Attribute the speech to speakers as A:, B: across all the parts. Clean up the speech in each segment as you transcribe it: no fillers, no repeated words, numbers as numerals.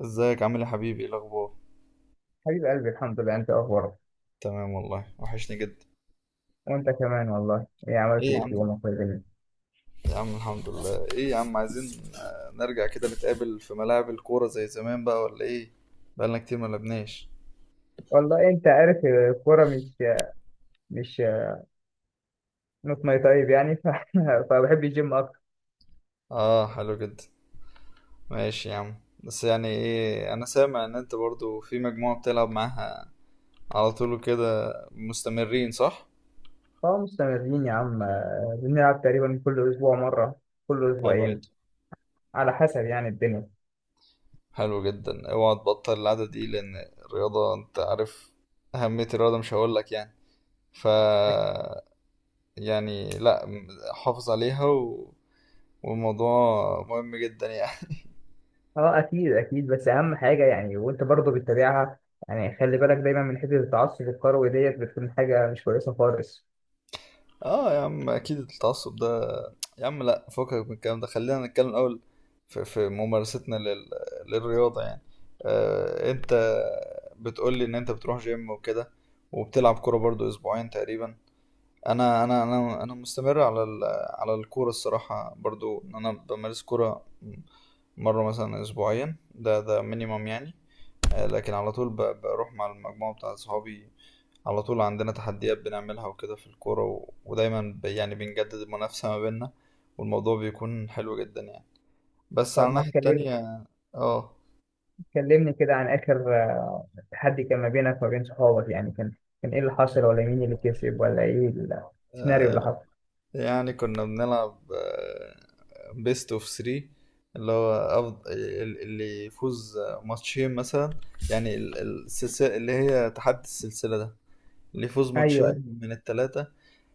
A: ازيك؟ عامل ايه يا حبيبي؟ ايه الاخبار؟
B: حبيب قلبي، الحمد لله. انت اخبارك؟
A: تمام والله، وحشني جدا.
B: وانت كمان والله. ايه
A: ايه
B: عملت
A: يا
B: ايه في
A: عم،
B: يومك ولا إيه؟
A: يا عم الحمد لله. ايه يا عم، عايزين نرجع كده نتقابل في ملاعب الكورة زي زمان بقى، ولا ايه؟ بقالنا كتير ما لعبناش.
B: والله انت عارف الكوره مش نوت ماي تايب يعني فبحب الجيم اكتر.
A: اه، حلو جدا. ماشي يا عم. بس ايه، انا سامع ان انت برضو في مجموعة بتلعب معاها على طول كده، مستمرين، صح؟
B: فمستمرين يا عم، بنلعب تقريبا كل اسبوع مره، كل
A: حلو
B: اسبوعين،
A: جدا.
B: على حسب يعني الدنيا.
A: حلو جدا، اوعى تبطل العادة دي، لان الرياضة انت عارف أهمية الرياضة، مش هقولك يعني. ف لا م- حافظ عليها والموضوع مهم جدا يعني.
B: اه، اكيد اكيد بس اهم حاجه يعني، وانت برضه بتتابعها. يعني خلي بالك دايما من حته التعصب الكروي، ديت بتكون حاجه مش كويسه خالص.
A: اه يا عم، اكيد التعصب ده. يا عم لا، فكك من الكلام ده، خلينا نتكلم الاول في، ممارستنا للرياضة يعني. آه، انت بتقولي ان انت بتروح جيم وكده، وبتلعب كورة برضو اسبوعين تقريبا. انا مستمر على الكورة الصراحة، برضو ان انا بمارس كورة مرة مثلا اسبوعيا، ده مينيمم يعني. لكن على طول بروح مع المجموعة بتاع صحابي على طول. عندنا تحديات بنعملها وكده في الكورة ودايما، يعني بنجدد المنافسة ما بيننا، والموضوع بيكون حلو جدا يعني. بس على
B: طب ما
A: الناحية
B: اتكلمنا،
A: التانية. اه.
B: كلمني كده عن آخر تحدي كان ما بينك وما بين صحابك، يعني كان إيه اللي حصل، ولا مين اللي كسب، ولا إيه السيناريو اللي
A: آه،
B: حصل؟
A: يعني كنا بنلعب بيست اوف 3، اللي هو أفضل، اللي يفوز ماتشين مثلا. يعني السلسلة، اللي هي تحدي السلسلة ده، ليه فوز
B: أيوه.
A: ماتشين من التلاتة.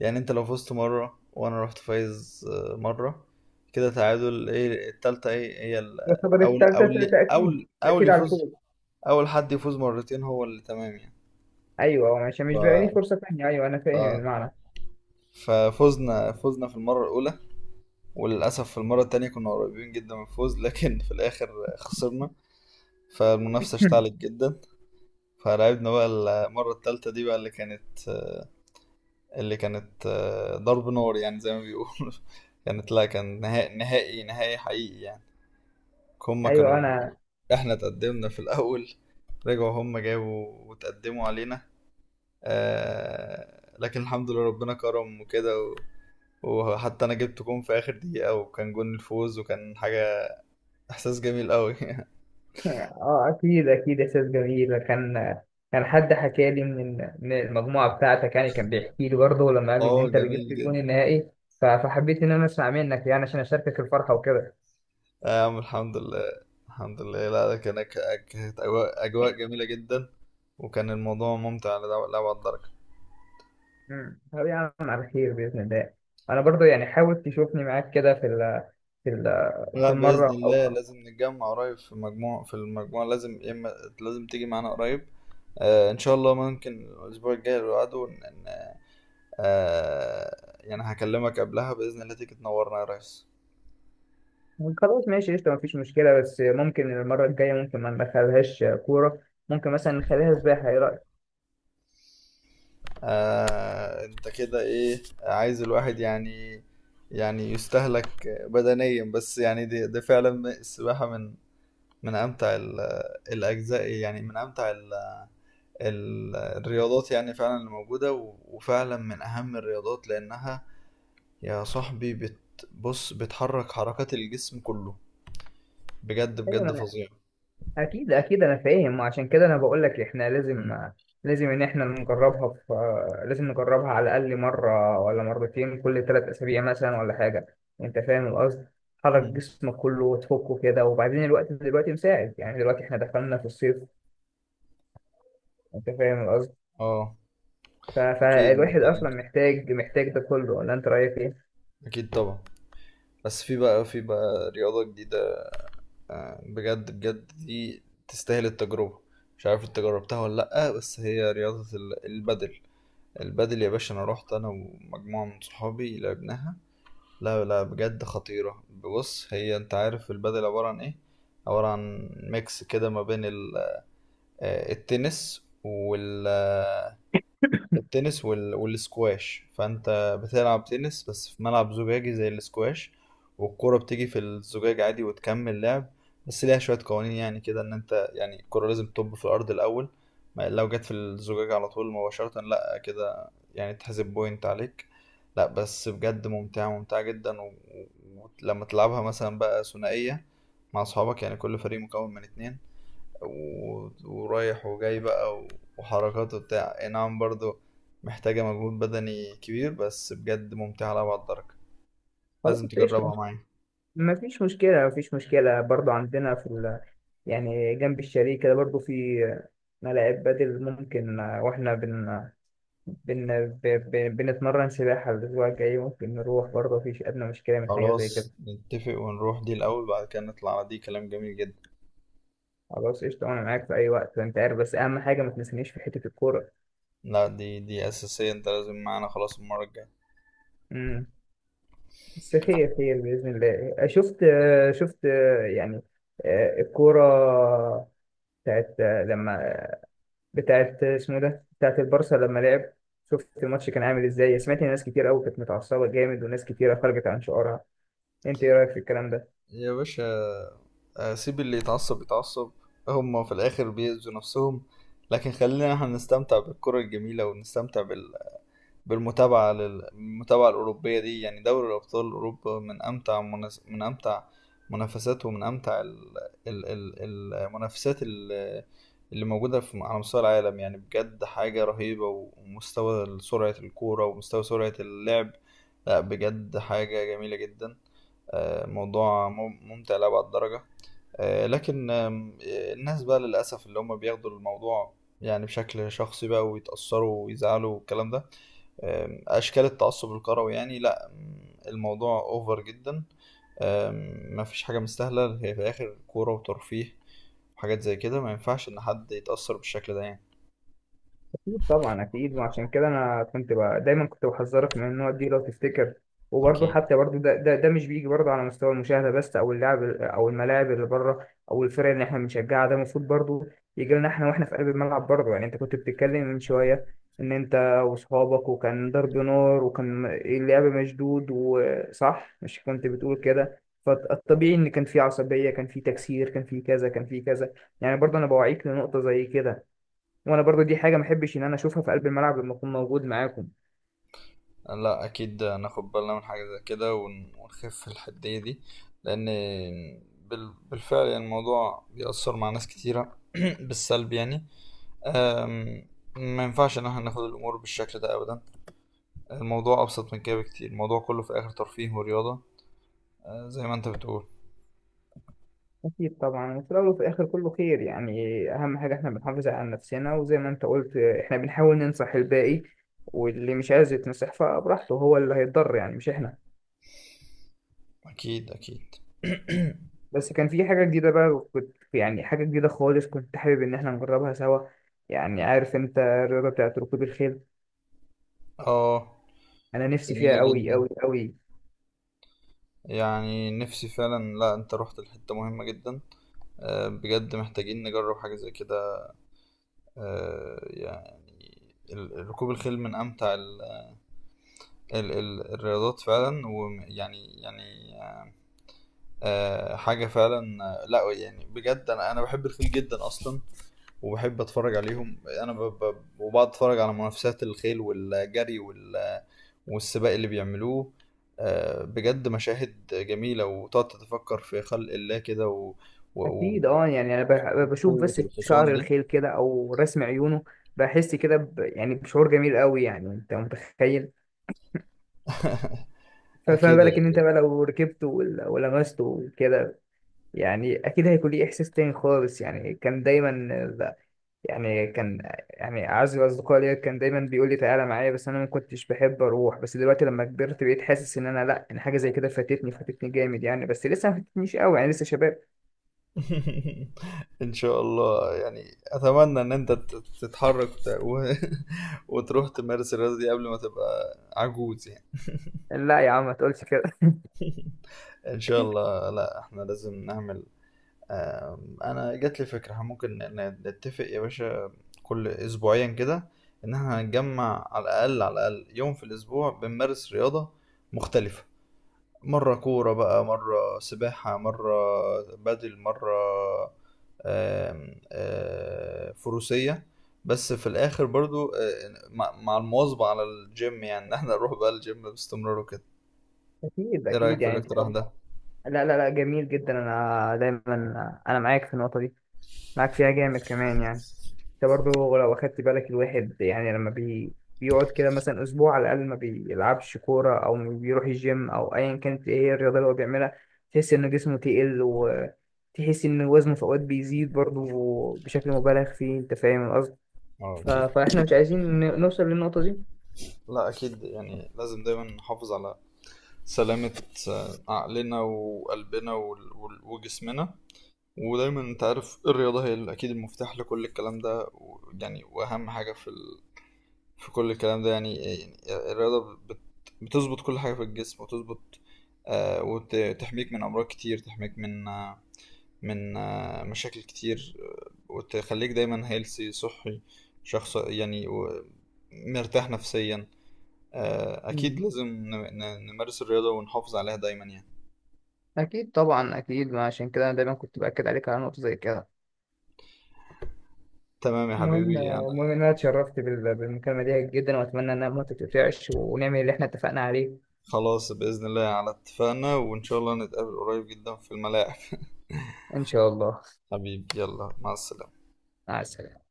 A: يعني انت لو فزت مرة، وانا رحت فايز مرة، كده تعادل، ايه التالتة؟ ايه هي
B: يعتبر
A: اول
B: التالتة
A: اول
B: تأكيد
A: اول اول
B: تأكيد على
A: يفوز،
B: الفوز.
A: اول حد يفوز مرتين هو اللي تمام يعني.
B: أيوه، مش
A: ف...
B: مش بقى لي فرصة تانية، أيوه أنا
A: ف...
B: فاهم المعنى.
A: فزنا في المرة الأولى، وللأسف في المرة التانية كنا قريبين جدا من الفوز، لكن في الآخر خسرنا. فالمنافسة اشتعلت جدا. فلعبنا بقى المرة التالتة دي بقى، اللي كانت اللي كانت ضرب نار يعني، زي ما بيقولوا. كانت، لا، كان نهائي حقيقي يعني. هما
B: أيوه
A: كانوا،
B: أنا.
A: احنا تقدمنا في الأول، رجعوا هما جابوا وتقدموا علينا. آه، لكن الحمد لله ربنا كرم وكده وحتى انا جبت جون في اخر دقيقة، وكان جون الفوز، وكان حاجة، احساس جميل قوي.
B: أه، أكيد أكيد إحساس جميل كان. كان حد حكى لي من المجموعة بتاعتك، يعني كان بيحكي لي برضه لما قال لي إن
A: اه،
B: أنت اللي جبت
A: جميل
B: الجون
A: جدا.
B: النهائي. فحبيت إن أنا أسمع منك يعني عشان أشاركك الفرحة وكده.
A: آه يا عم، الحمد لله، الحمد لله. لا كانت اجواء، أجواء جميلة جدا، وكان الموضوع ممتع لأبعد درجة.
B: مم. طب يا عم، على خير بإذن الله. أنا برضو يعني حاول تشوفني معاك كده في ال في
A: لا بإذن
B: المرة
A: الله،
B: أو.
A: لازم نتجمع قريب في مجموعة، في المجموعة. لازم يا إما، لازم تيجي معانا قريب. آه، إن شاء الله، ممكن الأسبوع الجاي اللي بعده آه، يعني هكلمك قبلها بإذن الله، تيجي تنورنا يا ريس.
B: خلاص ماشي، قشطة، مفيش مشكلة. بس ممكن المرة الجاية، ممكن ما ندخلهاش كورة، ممكن مثلا نخليها سباحة، إيه رأيك؟
A: آه أنت كده، إيه عايز الواحد يعني؟ يعني يستهلك بدنيا؟ بس يعني دي فعلا السباحة من من أمتع الأجزاء، يعني من أمتع الرياضات يعني فعلا اللي موجودة، وفعلا من أهم الرياضات، لأنها يا صاحبي بص، بتحرك حركات الجسم كله، بجد بجد
B: أيوة.
A: فظيع.
B: اكيد اكيد انا فاهم، وعشان كده انا بقول لك احنا لازم،
A: مم.
B: لازم ان احنا نجربها في لازم نجربها على الاقل مره ولا مرتين كل 3 اسابيع مثلا، ولا حاجه. انت فاهم القصد، تحرك
A: مم.
B: جسمك كله وتفكه كده. وبعدين الوقت دلوقتي مساعد، يعني دلوقتي احنا دخلنا في الصيف. انت فاهم القصد؟
A: اه اكيد،
B: فالواحد
A: محتاجين،
B: اصلا محتاج محتاج ده كله، ولا انت رايك ايه؟
A: اكيد طبعا. بس في بقى، في بقى رياضة جديدة، بجد بجد دي تستاهل التجربة. مش عارف انت جربتها ولا لأ، بس هي رياضة البدل. البدل يا باشا، انا رحت انا ومجموعة من صحابي لعبناها. لا لا بجد خطيرة. بص، هي انت عارف البدل عبارة عن ايه؟ عبارة عن ميكس كده ما بين التنس وال آه، التنس والسكواش. فانت بتلعب تنس بس في ملعب زجاجي زي السكواش، والكرة بتيجي في الزجاج عادي وتكمل لعب. بس ليها شوية قوانين يعني كده، ان انت يعني الكرة لازم تطب في الارض الاول، ما لو جت في الزجاج على طول مباشرة لا كده، يعني تحسب بوينت عليك. لا بس بجد ممتعة، ممتعة جدا ولما تلعبها مثلا بقى ثنائية مع أصحابك، يعني كل فريق مكون من اتنين، ورايح وجاي بقى وحركات وبتاع، اي نعم برضو محتاجة مجهود بدني كبير، بس بجد ممتعة على بعض الدرجة.
B: خلاص
A: لازم
B: قشطه،
A: تجربها معايا.
B: ما فيش مشكلة ما فيش مشكلة برضو. عندنا يعني جنب الشاليه كده برضو في ملاعب بدل ممكن، واحنا بنتمرن سباحة. الأسبوع الجاي ممكن نروح برضو، مفيش أدنى مشكلة من حاجة زي كده.
A: خلاص نتفق ونروح دي الأول، بعد كده نطلع على دي، كلام جميل جدا.
B: خلاص قشطة، أنا معاك في أي وقت أنت عارف، بس أهم حاجة ما تنسنيش في حتة الكورة.
A: لا دي أساسية، انت لازم معانا، خلاص المرة الجاية.
B: امم بس خير خير بإذن الله. شفت يعني الكورة بتاعت لما بتاعت اسمه إيه ده، بتاعت البارسا لما لعب. شفت الماتش كان عامل ازاي؟ سمعت ان ناس كتير قوي كانت متعصبه جامد، وناس كتيره خرجت عن شعورها، انت ايه رايك في الكلام ده؟
A: يا باشا، سيب اللي يتعصب يتعصب، هما في الآخر بيأذوا نفسهم. لكن خلينا احنا نستمتع بالكرة الجميلة، ونستمتع بالمتابعة، للمتابعة الأوروبية دي. يعني دوري أبطال أوروبا من أمتع من أمتع منافسات، ومن أمتع المنافسات اللي موجودة على مستوى العالم، يعني بجد حاجة رهيبة. ومستوى سرعة الكورة، ومستوى سرعة اللعب، لا بجد حاجة جميلة جدا. موضوع ممتع لأبعد درجة. لكن الناس بقى للأسف اللي هم بياخدوا الموضوع يعني بشكل شخصي بقى، ويتأثروا ويزعلوا والكلام ده. اشكال التعصب الكروي يعني، لا الموضوع اوفر جدا. مفيش حاجه مستاهله، هي في الاخر كوره وترفيه وحاجات زي كده، ما ينفعش ان حد يتاثر بالشكل ده يعني.
B: أكيد طبعا، أكيد. وعشان كده أنا كنت بقى دايما كنت بحذرك من النوع دي لو تفتكر. وبرضه
A: أكيد.
B: حتى برضه ده مش بيجي برضه على مستوى المشاهدة بس، أو اللعب، أو الملاعب اللي بره، أو الفرق اللي إحنا بنشجعها. ده المفروض برضه يجي لنا إحنا وإحنا في قلب الملعب برضه. يعني أنت كنت بتتكلم من شوية إن أنت وأصحابك، وكان ضرب نار وكان اللعب مشدود وصح، مش كنت بتقول كده؟ فالطبيعي إن كان في عصبية، كان في تكسير، كان في كذا كان في كذا. يعني برضه أنا بوعيك لنقطة زي كده، وانا برضو دي حاجه ما احبش ان انا اشوفها في قلب الملعب لما اكون موجود معاكم.
A: لا اكيد، ناخد بالنا من حاجه زي كده، ونخف الحديه دي، لان بالفعل يعني الموضوع بيأثر مع ناس كتيره بالسلب يعني. أم، ما ينفعش ان احنا ناخد الامور بالشكل ده ابدا، الموضوع ابسط من كده بكتير، الموضوع كله في الاخر ترفيه ورياضه، زي ما انت بتقول.
B: اكيد طبعا، وفي الاول وفي الاخر كله خير يعني. اهم حاجه احنا بنحافظ على نفسنا، وزي ما انت قلت احنا بنحاول ننصح الباقي، واللي مش عايز يتنصح فبراحته، هو اللي هيتضر يعني، مش احنا.
A: أكيد أكيد.
B: بس كان في حاجه جديده بقى كنت يعني، حاجه جديده خالص كنت حابب ان احنا نجربها سوا. يعني عارف انت الرياضه بتاعت ركوب الخيل؟
A: آه،
B: انا نفسي
A: جميلة
B: فيها قوي
A: جدا.
B: قوي قوي.
A: يعني نفسي فعلا، لا، أنت رحت لحتة مهمة جدا، بجد محتاجين نجرب حاجة زي كده. يعني ركوب الخيل من أمتع الرياضات فعلا، ويعني، حاجة فعلا، لا يعني بجد أنا بحب الخيل جدا أصلا، وبحب اتفرج عليهم. انا وبقعد اتفرج على منافسات الخيل والجري والسباق اللي بيعملوه. بجد مشاهد جميلة، وتقعد تتفكر في خلق الله كده و...
B: اكيد،
A: و...
B: اه يعني انا بشوف
A: وقوة
B: بس شعر
A: الحصان دي.
B: الخيل كده او رسم عيونه. بحس كده يعني بشعور جميل قوي، يعني انت متخيل. فما
A: أكيد
B: بالك ان انت بقى لو ركبته ولمسته وكده، يعني اكيد هيكون ليه احساس تاني خالص. يعني كان دايما ب- يعني كان يعني اعز الاصدقاء ليا كان دايما بيقول لي تعالى معايا، بس انا ما كنتش بحب اروح. بس دلوقتي لما كبرت بقيت حاسس ان انا، لا، ان حاجه زي كده فاتتني فاتتني جامد يعني، بس لسه ما فاتتنيش قوي يعني، لسه شباب.
A: إن شاء الله، يعني أتمنى إن أنت تتحرك وتروح تمارس الرياضة دي قبل ما تبقى عجوز يعني.
B: لا يا عم ما تقولش كده.
A: إن شاء الله، لا إحنا لازم نعمل، انا جات لي فكره، احنا ممكن نتفق يا باشا كل اسبوعيا كده، ان احنا هنجمع على الاقل، على الاقل يوم في الاسبوع بنمارس رياضه مختلفه، مره كوره بقى، مره سباحه، مره بدل، مره فروسيه، بس في الاخر برضو مع مع المواظبه على الجيم، يعني ان احنا نروح بقى الجيم باستمرار وكده.
B: اكيد
A: ايه رايك
B: اكيد
A: في
B: يعني.
A: الاقتراح ده؟
B: لا لا لا، جميل جدا. انا دايما انا معاك في النقطه دي، معاك فيها جامد كمان يعني. انت برضو لو اخدت بالك الواحد يعني، لما بيقعد كده مثلا اسبوع على الاقل ما بيلعبش كوره او ما بيروح الجيم او ايا كانت ايه هي الرياضه اللي هو بيعملها، تحس ان جسمه تقل، وتحس ان وزنه في اوقات بيزيد برضو بشكل مبالغ فيه، انت فاهم القصد؟
A: اه اكيد.
B: فاحنا مش عايزين نوصل للنقطه دي.
A: لا اكيد يعني، لازم دايما نحافظ على سلامة عقلنا وقلبنا وجسمنا. ودايما انت عارف الرياضة هي اكيد المفتاح لكل الكلام ده، يعني واهم حاجة في كل الكلام ده يعني، يعني الرياضة بتظبط كل حاجة في الجسم، وتظبط آه، وتحميك من امراض كتير، تحميك من آه، من آه، مشاكل كتير، وتخليك دايما هيلثي، صحي، شخص يعني مرتاح نفسيا. آه اكيد،
B: مم.
A: لازم نمارس الرياضة ونحافظ عليها دايما يعني.
B: اكيد طبعا اكيد، ما عشان كده انا دايما كنت باكد عليك على نقطه زي كده.
A: تمام يا
B: المهم
A: حبيبي، انا
B: المهم إن أنا اتشرفت بالمكالمة دي جدا، وأتمنى إنها ما تتقطعش ونعمل اللي إحنا اتفقنا عليه.
A: خلاص بإذن الله على اتفاقنا، وإن شاء الله نتقابل قريب جدا في الملاعب.
B: إن شاء الله.
A: حبيبي، يلا، مع السلامة.
B: مع السلامة.